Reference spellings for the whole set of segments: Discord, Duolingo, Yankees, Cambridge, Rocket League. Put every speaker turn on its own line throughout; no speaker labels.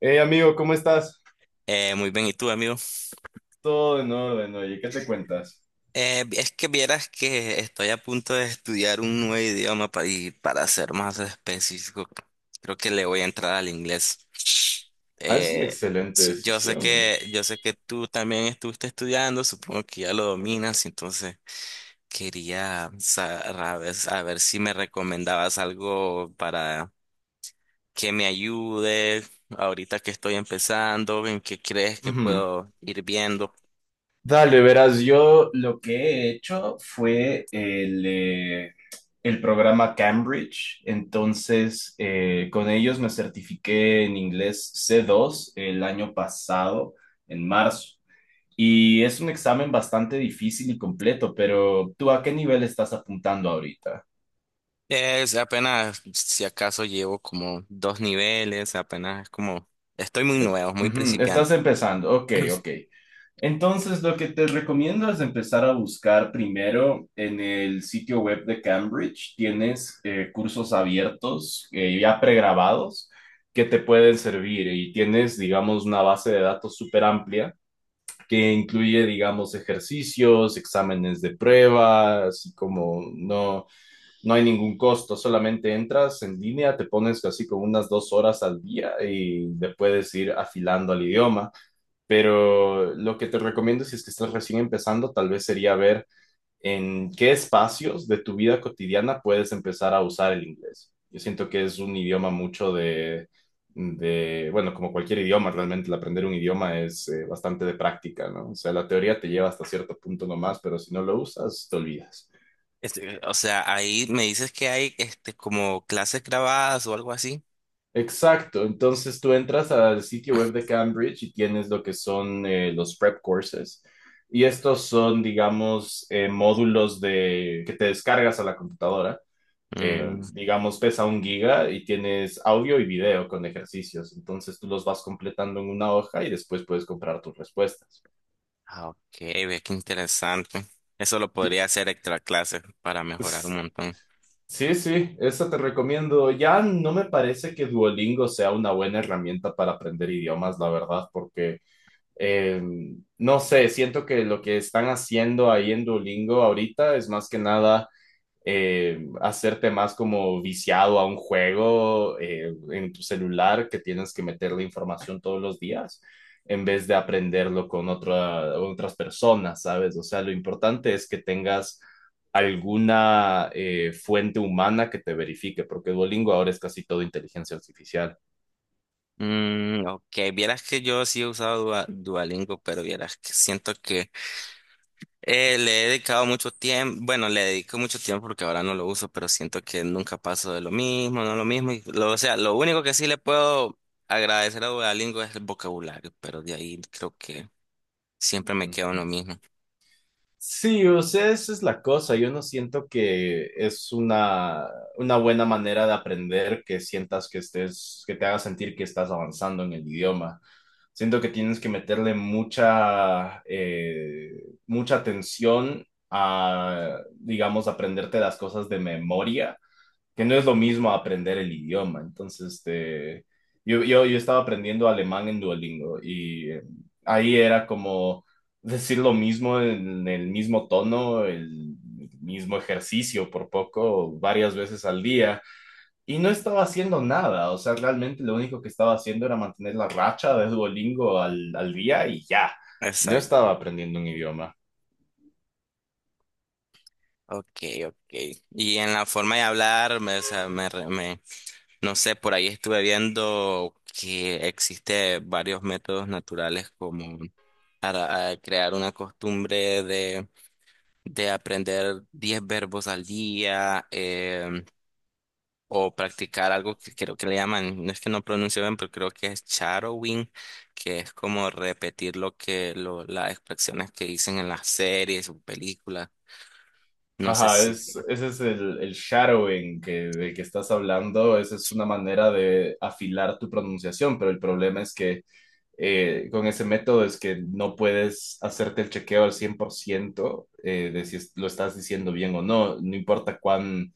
Hey amigo, ¿cómo estás?
Muy bien, ¿y tú, amigo?
Todo en orden, oye, ¿qué te cuentas?
Es que vieras que estoy a punto de estudiar un nuevo idioma y para ser más específico, creo que le voy a entrar al inglés.
Ah, es una
Eh,
excelente
sí, yo sé
decisión.
que, yo sé que tú también estuviste estudiando, supongo que ya lo dominas, entonces quería saber, a ver si me recomendabas algo para que me ayude ahorita que estoy empezando, en qué crees que
Ujú.
puedo ir viendo.
Dale, verás, yo lo que he hecho fue el programa Cambridge, entonces con ellos me certifiqué en inglés C2 el año pasado, en marzo, y es un examen bastante difícil y completo, pero ¿tú a qué nivel estás apuntando ahorita?
Es apenas, si acaso llevo como dos niveles, apenas es como, estoy muy nuevo, muy
Ujú, estás
principiante.
empezando, ok, ok. Entonces, lo que te recomiendo es empezar a buscar primero en el sitio web de Cambridge. Tienes cursos abiertos, ya pregrabados, que te pueden servir y tienes, digamos, una base de datos súper amplia que incluye, digamos, ejercicios, exámenes de prueba, así como no, no hay ningún costo, solamente entras en línea, te pones así como unas dos horas al día y le puedes ir afilando al idioma. Pero lo que te recomiendo si es que estás recién empezando, tal vez sería ver en qué espacios de tu vida cotidiana puedes empezar a usar el inglés. Yo siento que es un idioma mucho de bueno, como cualquier idioma, realmente el aprender un idioma es bastante de práctica, ¿no? O sea, la teoría te lleva hasta cierto punto nomás, pero si no lo usas, te olvidas.
Este, o sea, ahí me dices que hay este como clases grabadas o algo así.
Exacto, entonces tú entras al sitio web de Cambridge y tienes lo que son los prep courses. Y estos son, digamos, módulos de, que te descargas a la computadora.
Mm,
Digamos, pesa un giga y tienes audio y video con ejercicios. Entonces tú los vas completando en una hoja y después puedes comprar tus respuestas.
ah, ok, ve qué interesante. Eso lo
Sí,
podría hacer extra clases para mejorar un
s-
montón.
sí, esa te recomiendo. Ya no me parece que Duolingo sea una buena herramienta para aprender idiomas, la verdad, porque... Eh, no sé, siento que lo que están haciendo ahí en Duolingo ahorita es más que nada hacerte más como viciado a un juego en tu celular que tienes que meterle información todos los días en vez de aprenderlo con otra, otras personas, ¿sabes? O sea, lo importante es que tengas alguna fuente humana que te verifique, porque Duolingo ahora es casi todo inteligencia artificial.
Mm, ok, vieras que yo sí he usado Duolingo, pero vieras que siento que le he dedicado mucho tiempo, bueno, le dedico mucho tiempo porque ahora no lo uso, pero siento que nunca paso de lo mismo, no lo mismo. O sea, lo único que sí le puedo agradecer a Duolingo es el vocabulario, pero de ahí creo que siempre me quedo en lo
Ujú.
mismo.
Sí, o sea, esa es la cosa. Yo no siento que es una buena manera de aprender que sientas que estés, que te haga sentir que estás avanzando en el idioma. Siento que tienes que meterle mucha, mucha atención a, digamos, aprenderte las cosas de memoria que no es lo mismo aprender el idioma. Entonces, este, yo estaba aprendiendo alemán en Duolingo y ahí era como decir lo mismo en el mismo tono, el mismo ejercicio por poco, varias veces al día. Y no estaba haciendo nada, o sea, realmente lo único que estaba haciendo era mantener la racha de Duolingo al día y ya, no
Exacto.
estaba aprendiendo un idioma.
Ok, ok. Y en la forma de hablar, o sea, no sé, por ahí estuve viendo que existe varios métodos naturales como para crear una costumbre de aprender 10 verbos al día o practicar algo que creo que le llaman, no es que no pronuncio bien, pero creo que es shadowing, que es como repetir las expresiones que dicen en las series o películas. No sé
Ajá,
si.
es, ese es el shadowing que, del que estás hablando. Esa es una manera de afilar tu pronunciación, pero el problema es que con ese método es que no puedes hacerte el chequeo al 100% de si lo estás diciendo bien o no. No importa cuán,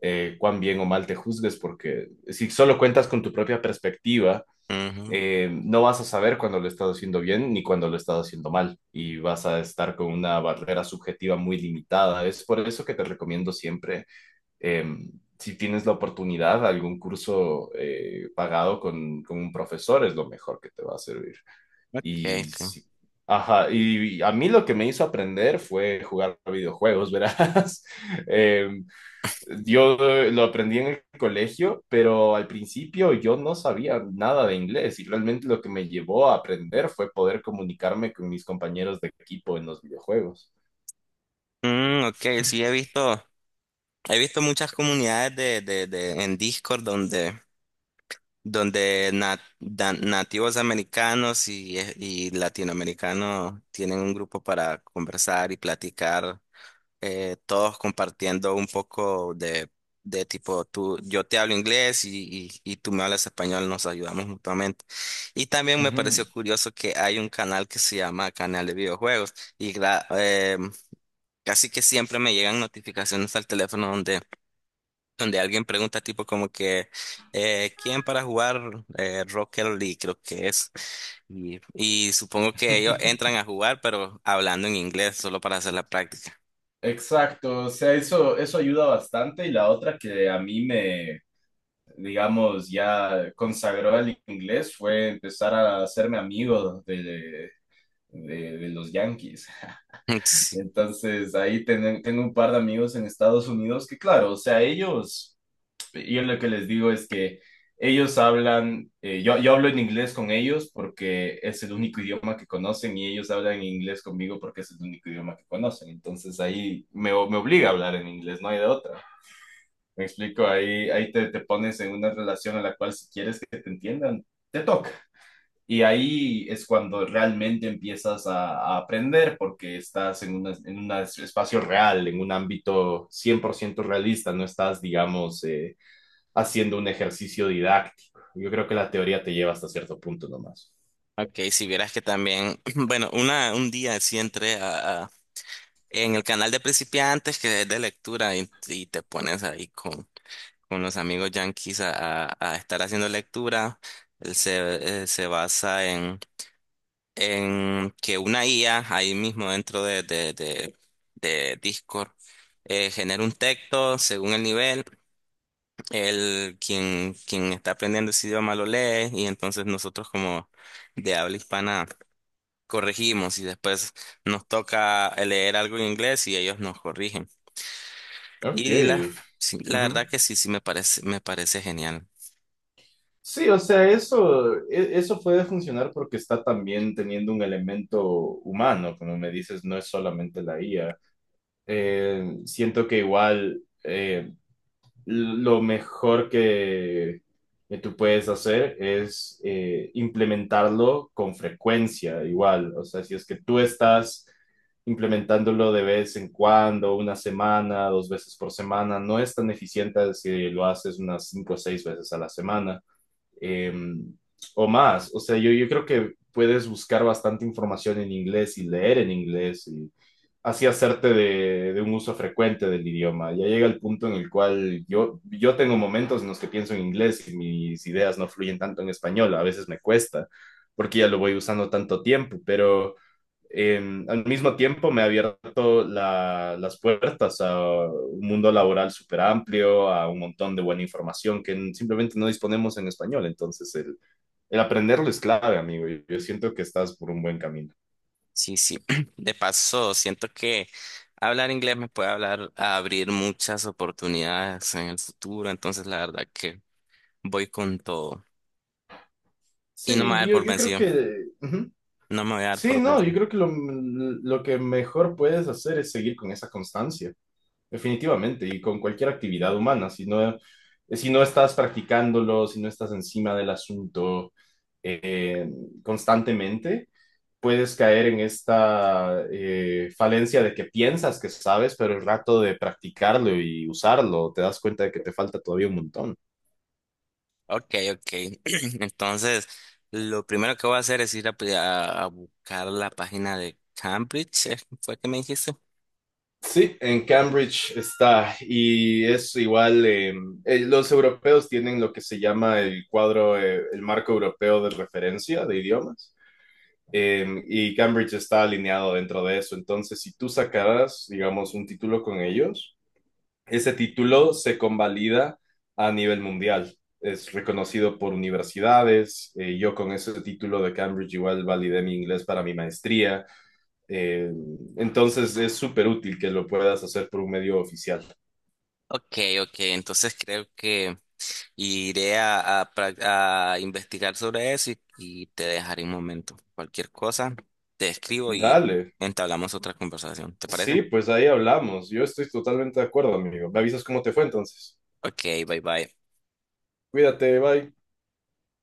cuán bien o mal te juzgues, porque si solo cuentas con tu propia perspectiva,
Ujú.
no vas a saber cuando lo estás haciendo bien ni cuando lo estás haciendo mal y vas a estar con una barrera subjetiva muy limitada. Es por eso que te recomiendo siempre, eh, si tienes la oportunidad, algún curso pagado con un profesor es lo mejor que te va a servir.
Okay,
Y
okay.
si ajá, y a mí lo que me hizo aprender fue jugar videojuegos, verás. Eh, yo lo aprendí en el colegio, pero al principio yo no sabía nada de inglés y realmente lo que me llevó a aprender fue poder comunicarme con mis compañeros de equipo en los videojuegos.
Mm, okay, sí he visto muchas comunidades de en Discord donde donde nativos americanos y latinoamericanos tienen un grupo para conversar y platicar, todos compartiendo un poco de tipo, tú, yo te hablo inglés y tú me hablas español, nos ayudamos mutuamente. Y también me pareció
Ujú.
curioso que hay un canal que se llama Canal de Videojuegos y casi que siempre me llegan notificaciones al teléfono donde donde alguien pregunta tipo como que ¿quién para jugar Rocket League? Creo que es. Y supongo que ellos entran a jugar, pero hablando en inglés solo para hacer la práctica.
Exacto, o sea, eso ayuda bastante y la otra que a mí me, digamos, ya consagró al inglés fue empezar a hacerme amigo de, de los Yankees.
Sí.
Entonces, ahí tengo un par de amigos en Estados Unidos que, claro, o sea, ellos, yo lo que les digo es que ellos hablan, yo hablo en inglés con ellos porque es el único idioma que conocen y ellos hablan en inglés conmigo porque es el único idioma que conocen. Entonces, ahí me, me obliga a hablar en inglés, no hay de otra. Me explico, ahí, ahí te, te pones en una relación a la cual si quieres que te entiendan, te toca. Y ahí es cuando realmente empiezas a aprender porque estás en, en un espacio real, en un ámbito 100% realista, no estás, digamos, haciendo un ejercicio didáctico. Yo creo que la teoría te lleva hasta cierto punto nomás.
Ok, si vieras que también, bueno, una, un día sí entré en el canal de principiantes que es de lectura y te pones ahí con los amigos yanquis a estar haciendo lectura. Se basa en que una IA ahí mismo dentro de Discord genera un texto según el nivel, quien está aprendiendo ese idioma lo lee y entonces nosotros como de habla hispana corregimos y después nos toca leer algo en inglés y ellos nos corrigen.
Ok.
Y la, sí, la
Ujú.
verdad que sí, sí me parece genial.
Sí, o sea, eso, eso puede funcionar porque está también teniendo un elemento humano, como me dices, no es solamente la IA. Siento que igual... lo mejor que tú puedes hacer es implementarlo con frecuencia, igual. O sea, si es que tú estás implementándolo de vez en cuando, una semana, dos veces por semana, no es tan eficiente si lo haces unas cinco o seis veces a la semana eh, o más. O sea, yo creo que puedes buscar bastante información en inglés y leer en inglés y así hacerte de un uso frecuente del idioma. Ya llega el punto en el cual yo tengo momentos en los que pienso en inglés y mis ideas no fluyen tanto en español, a veces me cuesta, porque ya lo voy usando tanto tiempo, pero eh, al mismo tiempo me ha abierto la, las puertas a un mundo laboral súper amplio, a un montón de buena información que simplemente no disponemos en español, entonces el aprenderlo es clave, amigo, y yo siento que estás por un buen camino.
Sí, sí. De paso, siento que hablar inglés me puede hablar a abrir muchas oportunidades en el futuro, entonces la verdad que voy con todo. Y no me voy a
Sí,
dar por
yo creo
vencido,
que ujú.
no me voy a dar
Sí,
por
no, yo
vencido.
creo que lo, lo que mejor puedes hacer es seguir con esa constancia, definitivamente, y con cualquier actividad humana. Si no, si no estás practicándolo, si no estás encima del asunto eh, constantemente, puedes caer en esta falencia de que piensas que sabes, pero el rato de practicarlo y usarlo, te das cuenta de que te falta todavía un montón.
Ok, ok. Entonces, lo primero que voy a hacer es ir a buscar la página de Cambridge, ¿eh? ¿Fue que me dijiste?
Sí, en Cambridge está y es igual, los europeos tienen lo que se llama el cuadro, el marco europeo de referencia de idiomas y Cambridge está alineado dentro de eso. Entonces, si tú sacaras, digamos, un título con ellos, ese título se convalida a nivel mundial. Es reconocido por universidades. Yo con ese título de Cambridge igual validé mi inglés para mi maestría. Eh, entonces es súper útil que lo puedas hacer por un medio oficial.
Ok, ok. Entonces creo que y iré a, a investigar sobre eso y te dejaré un momento. Cualquier cosa, te escribo y
Dale.
entablamos otra conversación. ¿Te parece?
Sí, pues ahí hablamos. Yo estoy totalmente de acuerdo, amigo. Me avisas cómo te fue entonces.
Ok, bye bye.
Cuídate, bye.